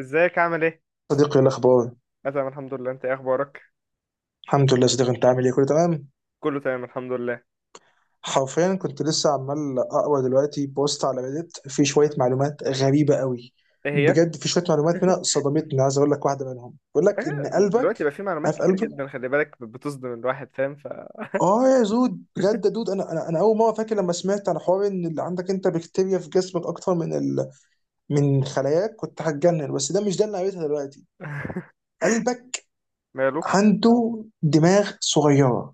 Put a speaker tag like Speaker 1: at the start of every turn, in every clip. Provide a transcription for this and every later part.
Speaker 1: ازيك عامل ايه؟
Speaker 2: صديقي، إيه الاخبار؟
Speaker 1: انا تمام الحمد لله، انت ايه اخبارك؟
Speaker 2: الحمد لله صديقي. انت عامل ايه؟ كله تمام.
Speaker 1: كله تمام الحمد لله.
Speaker 2: حرفيا كنت لسه عمال اقرا دلوقتي بوست على ريديت، في شويه
Speaker 1: مم.
Speaker 2: معلومات غريبه قوي.
Speaker 1: ايه هي؟
Speaker 2: بجد في شويه معلومات منها صدمتني، عايز اقول لك واحده منهم. بيقول لك
Speaker 1: آه،
Speaker 2: ان قلبك...
Speaker 1: دلوقتي بقى في معلومات
Speaker 2: عارف
Speaker 1: كتير
Speaker 2: قلبك...
Speaker 1: جدا، خلي بالك بتصدم الواحد، فاهم
Speaker 2: اه يا زود، بجد يا دود، انا اول مره فاكر لما سمعت عن حوار ان اللي عندك انت بكتيريا في جسمك اكتر من من خلاياك، كنت هتجنن. بس ده مش ده اللي قريتها دلوقتي. قلبك
Speaker 1: ماله؟
Speaker 2: عنده دماغ صغيره،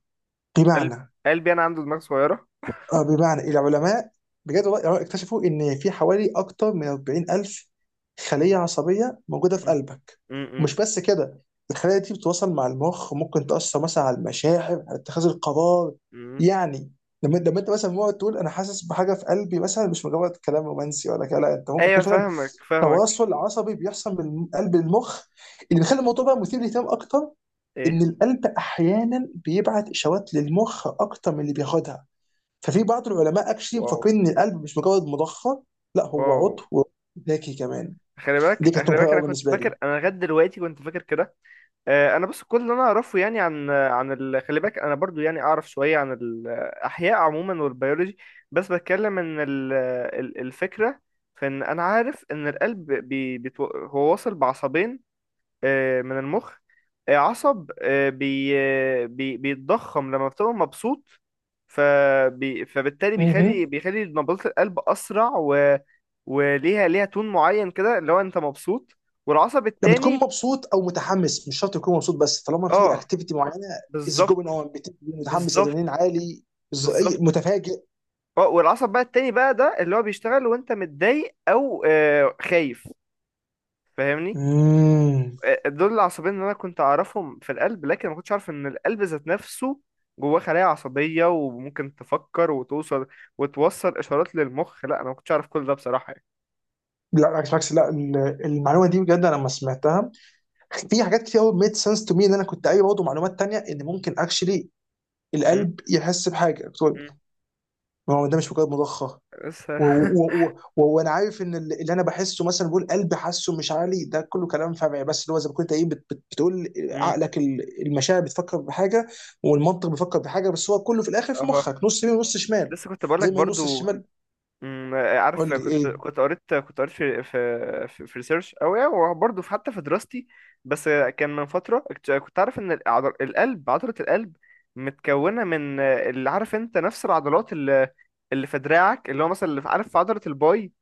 Speaker 1: قلب
Speaker 2: بمعنى...
Speaker 1: قلبي انا عنده دماغ صغيرة؟
Speaker 2: آه، بمعنى العلماء بجد والله اكتشفوا ان في حوالي اكتر من 40000 خليه عصبيه موجوده في
Speaker 1: مم.
Speaker 2: قلبك.
Speaker 1: مم.
Speaker 2: ومش بس كده، الخلايا دي بتتواصل مع المخ، ممكن تاثر مثلا على المشاعر، على اتخاذ القرار.
Speaker 1: مم.
Speaker 2: يعني لما انت مثلا مقعد تقول انا حاسس بحاجه في قلبي، مثلا مش مجرد كلام رومانسي ولا كده، لا انت ممكن
Speaker 1: ايوه،
Speaker 2: تكون فعلا
Speaker 1: فاهمك فاهمك.
Speaker 2: تواصل عصبي بيحصل من قلب للمخ. اللي بيخلي الموضوع بقى مثير للاهتمام اكتر
Speaker 1: ايه؟
Speaker 2: ان القلب احيانا بيبعت اشارات للمخ اكتر من اللي بياخدها. ففي بعض العلماء اكشلي
Speaker 1: واو.
Speaker 2: مفكرين ان القلب مش مجرد مضخه، لا هو
Speaker 1: واو.
Speaker 2: عضو ذكي كمان.
Speaker 1: خلي
Speaker 2: دي
Speaker 1: بالك
Speaker 2: كانت
Speaker 1: خلي
Speaker 2: مفاجاه
Speaker 1: بالك، انا
Speaker 2: قوي
Speaker 1: كنت
Speaker 2: بالنسبه
Speaker 1: فاكر،
Speaker 2: لي.
Speaker 1: انا لغايه دلوقتي كنت فاكر كده. آه، انا بس كل اللي انا اعرفه يعني عن خلي بالك انا برضو يعني اعرف شويه عن الاحياء عموما والبيولوجي. بس بتكلم ان الفكره في ان انا عارف ان القلب هو واصل بعصبين آه، من المخ. آه، عصب، بيتضخم لما بتبقى مبسوط. فبالتالي بيخلي
Speaker 2: مهم.
Speaker 1: بيخلي نبضات القلب اسرع وليها تون معين كده اللي هو انت مبسوط. والعصب
Speaker 2: لما تكون
Speaker 1: التاني.
Speaker 2: مبسوط او متحمس، مش شرط تكون مبسوط بس، طالما في
Speaker 1: اه،
Speaker 2: اكتيفيتي معينه. از
Speaker 1: بالظبط،
Speaker 2: جوين اون، متحمس، ادرينالين
Speaker 1: بالظبط،
Speaker 2: عالي،
Speaker 1: بالظبط.
Speaker 2: متفاجئ.
Speaker 1: اه، والعصب بقى التاني بقى ده اللي هو بيشتغل وانت متضايق او آه خايف، فاهمني.
Speaker 2: مم.
Speaker 1: آه، دول العصبين اللي انا كنت اعرفهم في القلب، لكن ما كنتش عارف ان القلب ذات نفسه جواه خلايا عصبية وممكن تفكر وتوصل، وتوصل اشارات للمخ. لا، انا ما كنتش عارف كل ده بصراحة يعني.
Speaker 2: لا بالعكس بالعكس، لا المعلومه دي بجد، انا لما سمعتها في حاجات كتير قوي ميد سنس تو مي. ان انا كنت قايل برضه معلومات تانية ان ممكن اكشلي
Speaker 1: م-
Speaker 2: القلب يحس بحاجه، قلت له،
Speaker 1: م.
Speaker 2: ما هو ده مش مجرد مضخه.
Speaker 1: لسه
Speaker 2: وانا عارف ان اللي انا بحسه مثلا، بقول قلبي حاسه، مش عالي، ده كله كلام فمعي، بس اللي هو زي ما كنت ايه بتقول،
Speaker 1: م.
Speaker 2: عقلك المشاعر بتفكر بحاجه والمنطق بيفكر بحاجه، بس هو كله في الاخر في
Speaker 1: اها.
Speaker 2: مخك نص يمين ونص شمال.
Speaker 1: لسه كنت بقول لك
Speaker 2: زي ما النص
Speaker 1: برضو.
Speaker 2: الشمال.
Speaker 1: عارف،
Speaker 2: قول لي
Speaker 1: كنت
Speaker 2: ايه.
Speaker 1: كنت قريت كنت قريت في ريسيرش، او يعني وبرضه في حتى في دراستي. بس كان من فتره كنت عارف ان العضل القلب عضله القلب متكونه من آه، اللي عارف انت نفس العضلات اللي، اللي في دراعك، اللي هو مثلا اللي عارف، في عضله الباي.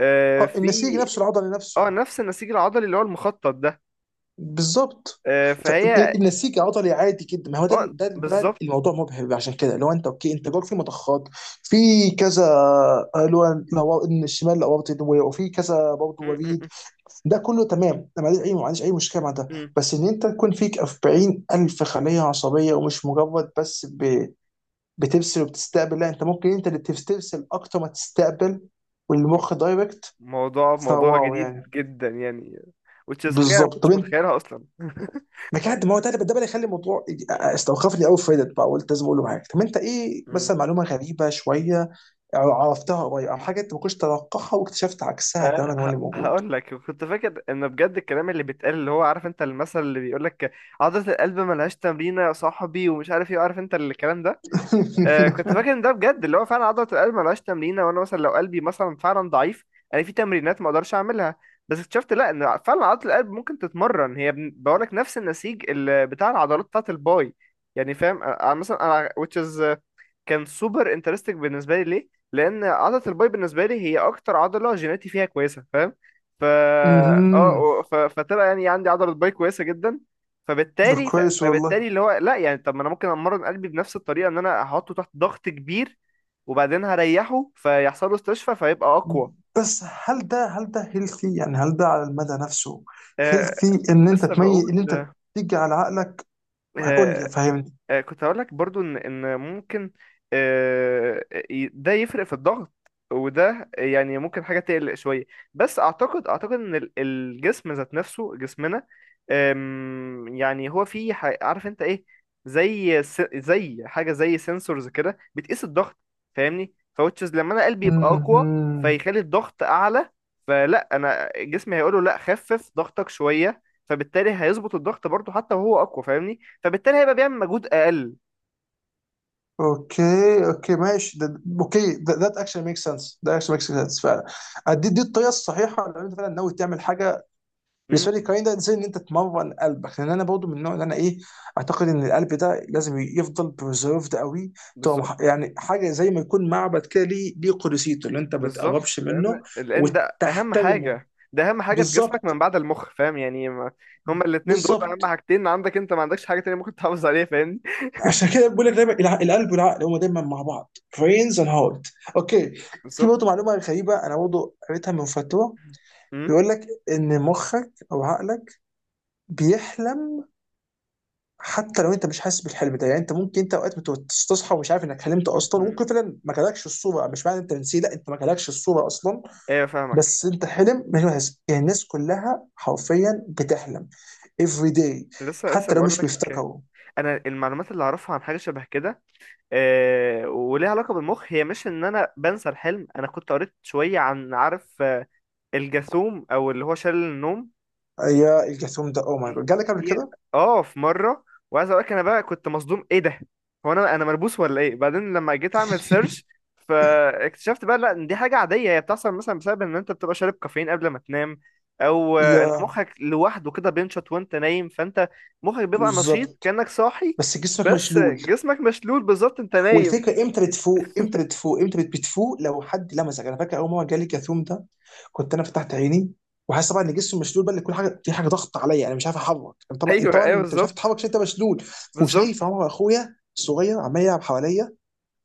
Speaker 1: آه،
Speaker 2: اه
Speaker 1: في.
Speaker 2: النسيج نفسه العضلي
Speaker 1: اه،
Speaker 2: نفسه.
Speaker 1: نفس النسيج العضلي اللي هو المخطط ده.
Speaker 2: بالظبط.
Speaker 1: آه، فهي.
Speaker 2: فالنسيج عضلي عادي جدا. ما هو ده
Speaker 1: اه،
Speaker 2: ده ده
Speaker 1: بالظبط.
Speaker 2: الموضوع مبهر. عشان كده لو انت اوكي، انت جواك في مضخات، في كذا، اللي هو الشمال الاورطي، وفي كذا برضه
Speaker 1: أمم،
Speaker 2: وريد.
Speaker 1: أمم،
Speaker 2: ده كله تمام، انا ما عنديش اي مشكله مع ده.
Speaker 1: أمم.
Speaker 2: بس ان انت تكون فيك 40 الف خليه عصبيه، ومش مجرد بس بترسل وبتستقبل، لا انت ممكن انت اللي ترسل اكتر ما تستقبل،
Speaker 1: مو-
Speaker 2: والمخ دايركت.
Speaker 1: موضوع، موضوع
Speaker 2: فواو
Speaker 1: جديد
Speaker 2: يعني.
Speaker 1: جدا يعني which is حاجه انا ما
Speaker 2: بالظبط. طب
Speaker 1: كنتش
Speaker 2: انت...
Speaker 1: متخيلها اصلا.
Speaker 2: ما هو ده اللي يخلي الموضوع استوقفني قوي في Reddit بقى. قلت لازم اقول له حاجه. طب انت ايه مثلا معلومه غريبه شويه عرفتها قريب، او حاجه انت ما كنتش تتوقعها واكتشفت عكسها
Speaker 1: أه،
Speaker 2: تماما هو اللي موجود؟
Speaker 1: هقول لك. كنت فاكر ان بجد الكلام اللي بيتقال اللي هو عارف انت المثل اللي بيقول لك عضلة القلب ملهاش تمرين يا صاحبي، ومش عارف ايه، عارف انت الكلام ده. أه كنت فاكر ان ده بجد اللي هو فعلا عضلة القلب ملهاش تمرين، وانا مثلا لو قلبي مثلا فعلا ضعيف انا في تمرينات ما اقدرش اعملها. بس اكتشفت لا، ان فعلا عضلة القلب ممكن تتمرن، هي بقول لك نفس النسيج اللي بتاع العضلات بتاعة الباي، يعني فاهم. أه، أه، مثلا انا which is كان سوبر انترستنج بالنسبه لي، ليه؟ لان عضله الباي بالنسبه لي هي اكتر عضله جيناتي فيها كويسه، فاهم.
Speaker 2: مهم.
Speaker 1: فتبقى يعني عندي عضله باي كويسه جدا.
Speaker 2: ده
Speaker 1: فبالتالي،
Speaker 2: كويس والله.
Speaker 1: فبالتالي اللي هو لا يعني، طب ما انا ممكن امرن قلبي بنفس الطريقه ان انا احطه تحت ضغط كبير وبعدين هريحه فيحصل له استشفاء فيبقى اقوى.
Speaker 2: بس هل ده هيلثي يعني؟ هل ده على المدى نفسه
Speaker 1: آه...
Speaker 2: هيلثي ان انت
Speaker 1: لسه
Speaker 2: تميز ان انت
Speaker 1: بقول.
Speaker 2: تيجي على عقلك؟ قول لي،
Speaker 1: آه،
Speaker 2: فهمني.
Speaker 1: كنت هقول لك برضو ان ممكن آه، ده يفرق في الضغط، وده يعني ممكن حاجة تقلق شوية. بس اعتقد، ان الجسم ذات نفسه جسمنا، يعني هو في عارف انت ايه، زي زي حاجة زي سنسورز كده بتقيس الضغط، فاهمني، فوتشز لما انا قلبي يبقى اقوى
Speaker 2: مهم.
Speaker 1: فيخلي الضغط اعلى، فلا انا جسمي هيقوله لا، خفف ضغطك شوية، فبالتالي هيظبط الضغط برضو حتى وهو اقوى، فاهمني، فبالتالي هيبقى بيعمل مجهود اقل.
Speaker 2: اوكي اوكي ماشي، ده اوكي، ذات اكشن ميك سنس، ده اكشن ميك سنس فعلا. دي الطريقه الصحيحه لو انت فعلا ناوي تعمل حاجه.
Speaker 1: امم.
Speaker 2: بالنسبه لي الكلام ده زي ان انت تمرن قلبك، لان انا برضو من النوع اللي انا ايه، اعتقد ان القلب ده لازم يفضل بريزرفد قوي. تبقى
Speaker 1: بالظبط.
Speaker 2: يعني حاجه زي ما يكون معبد كده، ليه قدسيته اللي انت ما
Speaker 1: بالظبط.
Speaker 2: تقربش
Speaker 1: لان،
Speaker 2: منه
Speaker 1: لان ده اهم
Speaker 2: وتحترمه.
Speaker 1: حاجه، ده اهم حاجه في جسمك
Speaker 2: بالظبط.
Speaker 1: من بعد المخ، فاهم يعني ما هما الاتنين دول اهم
Speaker 2: بالظبط.
Speaker 1: حاجتين عندك، انت ما عندكش حاجه تانية ممكن تحافظ عليها، فاهمني.
Speaker 2: عشان كده بقول لك دايما القلب والعقل هما دايما مع بعض، brains and heart. اوكي. في برضه
Speaker 1: بالظبط.
Speaker 2: معلومه غريبه انا برضه قريتها من فتره.
Speaker 1: امم.
Speaker 2: بيقول لك ان مخك او عقلك بيحلم حتى لو انت مش حاسس بالحلم ده. يعني انت ممكن انت اوقات تصحى ومش عارف انك حلمت اصلا.
Speaker 1: أمم.
Speaker 2: وممكن فعلا ما جالكش الصوره، مش معنى انت نسيت، لا انت ما جالكش الصوره اصلا.
Speaker 1: ايوه فاهمك.
Speaker 2: بس انت حلم مش حاسس. يعني الناس كلها حرفيا بتحلم every day،
Speaker 1: لسه، لسه
Speaker 2: حتى لو
Speaker 1: بقول
Speaker 2: مش
Speaker 1: لك.
Speaker 2: بيفتكروا.
Speaker 1: انا المعلومات اللي اعرفها عن حاجه شبه كده، آه، وليها علاقه بالمخ، هي مش ان انا بنسى الحلم، انا كنت قريت شويه عن، عارف، آه، الجاثوم او اللي هو شلل النوم.
Speaker 2: يا الجاثوم ده او ماي
Speaker 1: دي-
Speaker 2: جاد، جالك قبل
Speaker 1: دي-
Speaker 2: كده؟
Speaker 1: اه، في مره. وعايز اقول لك انا بقى كنت مصدوم، ايه ده، هو انا مربوس ولا ايه، بعدين لما جيت اعمل سيرش فاكتشفت بقى لا، إن دي حاجه عاديه، هي بتحصل مثلا بسبب ان انت بتبقى شارب كافيين قبل ما تنام، او آه، ان
Speaker 2: يا.
Speaker 1: مخك لوحده كده بينشط وانت نايم، فانت مخك بيبقى نشيط
Speaker 2: بالظبط.
Speaker 1: كانك صاحي.
Speaker 2: بس جسمك
Speaker 1: بس
Speaker 2: مشلول.
Speaker 1: جسمك مشلول، بالظبط. انت نايم.
Speaker 2: والفكره امتى بتفوق؟ لو حد لمسك. انا فاكر اول مره جالي كاثوم ده، كنت انا فتحت عيني وحاسس طبعا ان جسمي مشلول بقى، ان كل حاجه في حاجه ضغط عليا، انا مش عارف اتحرك. أنا طبعا، انت
Speaker 1: ايوه،
Speaker 2: طبعا،
Speaker 1: ايوه،
Speaker 2: انت مش عارف
Speaker 1: بالظبط.
Speaker 2: تتحرك عشان انت مشلول.
Speaker 1: بالظبط.
Speaker 2: وشايف عمر اخويا الصغير عمال يلعب حواليا،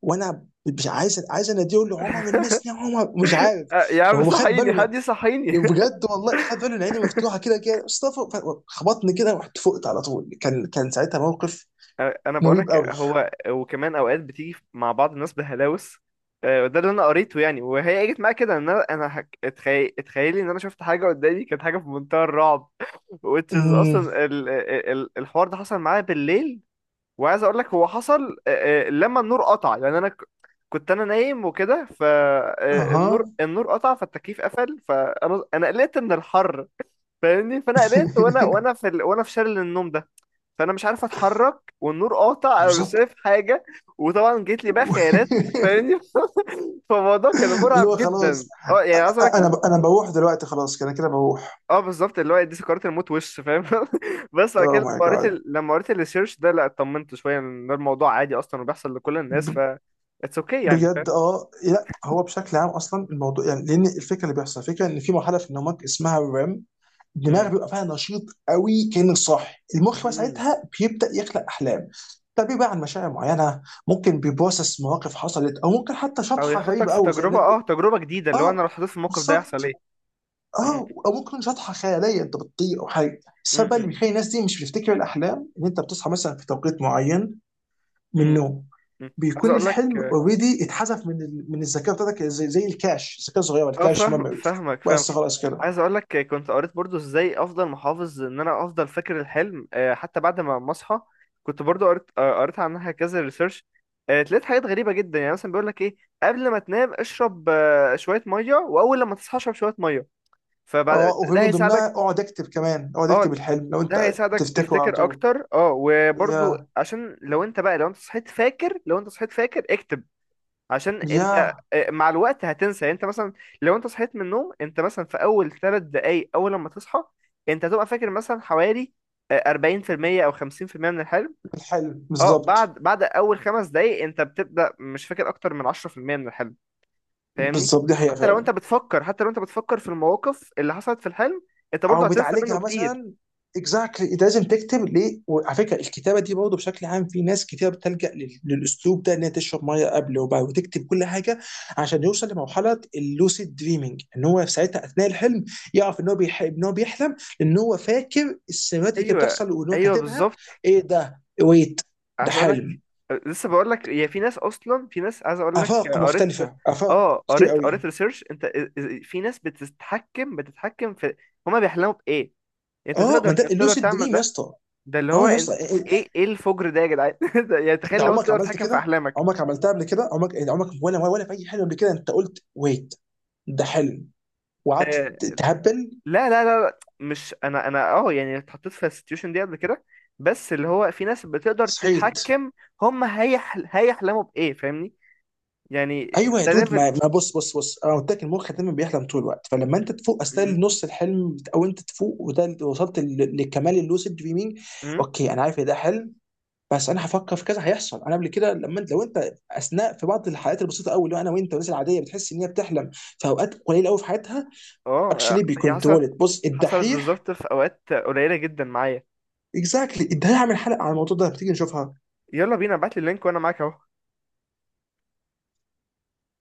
Speaker 2: وانا مش عايز، عايز اناديه، اقول له عمر المسني يا عمر، مش عارف.
Speaker 1: آه، يا عم
Speaker 2: هو خد
Speaker 1: صحيني،
Speaker 2: باله
Speaker 1: حد يصحيني.
Speaker 2: بجد والله خد باله ان عيني مفتوحه كده كده. مصطفى خبطني كده ورحت فقت على طول. كان ساعتها موقف
Speaker 1: انا
Speaker 2: مريب
Speaker 1: بقولك
Speaker 2: قوي.
Speaker 1: هو وكمان اوقات بتيجي مع بعض الناس بهلاوس. آه، ده اللي انا قريته يعني، وهي جت معايا كده، ان انا اتخيل اتخيلي ان انا شفت حاجه قدامي كانت حاجه في منتهى الرعب. which is
Speaker 2: امم.
Speaker 1: اصلا الحوار ده حصل معايا بالليل. وعايز اقول لك هو حصل آه، آه، لما النور قطع، لان انا كنت انا نايم وكده، فالنور
Speaker 2: اها.
Speaker 1: قطع، فالتكييف قفل، فانا قلقت من الحر، فاهمني، فانا قلقت وانا في وانا في شلل النوم ده، فانا مش عارف اتحرك والنور قاطع، انا مش
Speaker 2: بالظبط.
Speaker 1: شايف حاجه. وطبعا جيت لي بقى خيارات، فاهمني. فالموضوع كان
Speaker 2: اللي
Speaker 1: مرعب
Speaker 2: هو خلاص،
Speaker 1: جدا اه، يعني عايز اقول لك.
Speaker 2: انا بروح دلوقتي، خلاص كده كده بروح.
Speaker 1: اه، بالظبط، اللي هو دي سكرات الموت وش، فاهم. بس بعد
Speaker 2: اوه
Speaker 1: كده لما
Speaker 2: ماي
Speaker 1: قريت
Speaker 2: جاد.
Speaker 1: لما قريت الريسيرش ده لا، اطمنت شويه ان ده الموضوع عادي اصلا وبيحصل لكل الناس، ف اتس اوكي يعني،
Speaker 2: بجد.
Speaker 1: فاهم.
Speaker 2: اه لا هو بشكل عام اصلا الموضوع يعني، لان الفكره اللي بيحصل، الفكره ان في مرحله في نومك اسمها الريم، الدماغ
Speaker 1: مم.
Speaker 2: بيبقى فيها نشيط قوي كانك صاحي. المخ بقى
Speaker 1: مهم.
Speaker 2: ساعتها بيبدا يخلق احلام. ده بيبقى عن مشاعر معينه، ممكن بيبروسس مواقف حصلت، او ممكن حتى
Speaker 1: او
Speaker 2: شطحه
Speaker 1: يحطك
Speaker 2: غريبه
Speaker 1: في
Speaker 2: قوي زي
Speaker 1: تجربه، اه، تجربه جديده، اللي هو انا لو
Speaker 2: اه،
Speaker 1: اتحطيت في الموقف ده يحصل ايه.
Speaker 2: بالظبط.
Speaker 1: مم.
Speaker 2: اه او ممكن تكون شطحه خياليه انت بتطير او حاجه. السبب بقى
Speaker 1: مم.
Speaker 2: اللي بيخلي الناس دي مش بتفتكر الاحلام، ان انت بتصحى مثلا في توقيت معين من
Speaker 1: مم.
Speaker 2: النوم،
Speaker 1: مم. عايز
Speaker 2: بيكون
Speaker 1: اقول لك.
Speaker 2: الحلم اوريدي اتحذف من من الذاكره بتاعتك، زي الكاش، الذاكره الصغيره،
Speaker 1: اه،
Speaker 2: الكاش
Speaker 1: فاهم،
Speaker 2: ميموري.
Speaker 1: فاهمك
Speaker 2: بس
Speaker 1: فاهمك.
Speaker 2: خلاص كده.
Speaker 1: عايز اقول لك كنت قريت برضو ازاي افضل محافظ ان انا افضل فاكر الحلم آه، حتى بعد ما اصحى. كنت برضو قريت آه، قريت عنها كذا ريسيرش. لقيت حاجات غريبه جدا، يعني مثلا بيقول لك ايه، قبل ما تنام اشرب آه، شويه ميه، واول لما تصحى اشرب شويه ميه،
Speaker 2: اه
Speaker 1: فبعد
Speaker 2: وفي
Speaker 1: ده
Speaker 2: من ضمنها
Speaker 1: هيساعدك.
Speaker 2: اقعد اكتب كمان، اقعد اكتب
Speaker 1: اه،
Speaker 2: الحلم لو انت
Speaker 1: ده هيساعدك
Speaker 2: تفتكره على
Speaker 1: تفتكر
Speaker 2: طول.
Speaker 1: اكتر، اه وبرضو
Speaker 2: يا
Speaker 1: عشان لو انت بقى، لو انت صحيت فاكر، لو انت صحيت فاكر اكتب، عشان انت
Speaker 2: يا
Speaker 1: آه، مع الوقت هتنسى. يعني انت مثلا لو انت صحيت من النوم انت مثلا في اول 3 دقايق اول لما تصحى انت هتبقى فاكر مثلا حوالي آه، 40% او 50% من الحلم.
Speaker 2: الحلم
Speaker 1: اه،
Speaker 2: بالظبط.
Speaker 1: بعد اول 5 دقايق انت بتبدأ مش فاكر اكتر من 10% من الحلم، فاهمني.
Speaker 2: بالظبط، دي حقيقه
Speaker 1: حتى لو انت
Speaker 2: فعلا.
Speaker 1: بتفكر، حتى لو انت بتفكر في المواقف اللي حصلت في الحلم، انت
Speaker 2: او
Speaker 1: برضه هتنسى منه
Speaker 2: بتعالجها
Speaker 1: كتير.
Speaker 2: مثلا. اكزاكتلي، انت لازم تكتب ليه. وعلى فكره الكتابه دي برضه بشكل عام، في ناس كتير بتلجأ للاسلوب ده، انها تشرب ميه قبل وبعد وتكتب كل حاجه، عشان يوصل لمرحله اللوسيد دريمينج. ان هو في ساعتها اثناء الحلم يعرف ان هو ان هو بيحلم، لان هو فاكر السيناريوهات اللي كانت
Speaker 1: ايوه،
Speaker 2: بتحصل وان هو
Speaker 1: ايوه،
Speaker 2: كاتبها.
Speaker 1: بالظبط.
Speaker 2: ايه ده، ويت، ده
Speaker 1: عايز اقول لك.
Speaker 2: حلم،
Speaker 1: لسه بقول لك. هي في ناس اصلا، في ناس، عايز اقول لك،
Speaker 2: افاق
Speaker 1: قريت،
Speaker 2: مختلفه، افاق
Speaker 1: اه،
Speaker 2: كتير
Speaker 1: قريت
Speaker 2: قوي.
Speaker 1: ريسيرش انت آه، آه، في ناس بتتحكم، في هما بيحلموا بايه، انت
Speaker 2: اه ما
Speaker 1: تقدر،
Speaker 2: ده اللوسيد
Speaker 1: تعمل
Speaker 2: دريم يا
Speaker 1: ده.
Speaker 2: اسطى.
Speaker 1: ده اللي هو
Speaker 2: اه يا
Speaker 1: انت،
Speaker 2: اسطى.
Speaker 1: ايه، ايه الفجر ده يا جدعان. ده يعني
Speaker 2: انت
Speaker 1: تخيل لو انت
Speaker 2: عمرك
Speaker 1: تقدر
Speaker 2: عملت
Speaker 1: تتحكم في
Speaker 2: كده؟
Speaker 1: احلامك.
Speaker 2: عمرك عملتها قبل كده، عمرك يعني، عمرك ولا في اي حلم قبل كده انت قلت ويت، ده حلم، وقعدت
Speaker 1: آه،
Speaker 2: تهبل؟
Speaker 1: لا لا لا لا، مش انا، انا، اه، يعني اتحطيت في السيتويشن دي قبل كده. بس اللي هو في ناس بتقدر
Speaker 2: صحيت.
Speaker 1: تتحكم هما هيحلموا بايه، فاهمني. يعني
Speaker 2: ايوه يا
Speaker 1: ده
Speaker 2: دود،
Speaker 1: ليفل.
Speaker 2: ما بص بص بص. انا قلت لك المخ دايما بيحلم طول الوقت، فلما انت تفوق اثناء نص الحلم، او انت تفوق، وده اللي وصلت لكمال اللوسيد دريمينج. اوكي انا عارف ان ده حلم، بس انا هفكر في كذا هيحصل. انا قبل كده لما انت لو انت اثناء، في بعض الحالات البسيطه قوي، اللي هو انا وانت والناس العاديه بتحس ان هي بتحلم في اوقات قليله قوي في حياتها.
Speaker 1: اه،
Speaker 2: اكشلي
Speaker 1: هي حصلت،
Speaker 2: بيكونترول، بص
Speaker 1: حصلت
Speaker 2: الدحيح.
Speaker 1: بالظبط في اوقات قليله جدا معايا.
Speaker 2: اكزاكتلي. ده هعمل حلقه على الموضوع ده، تيجي نشوفها.
Speaker 1: يلا بينا، ابعت لي اللينك وانا معاك اهو.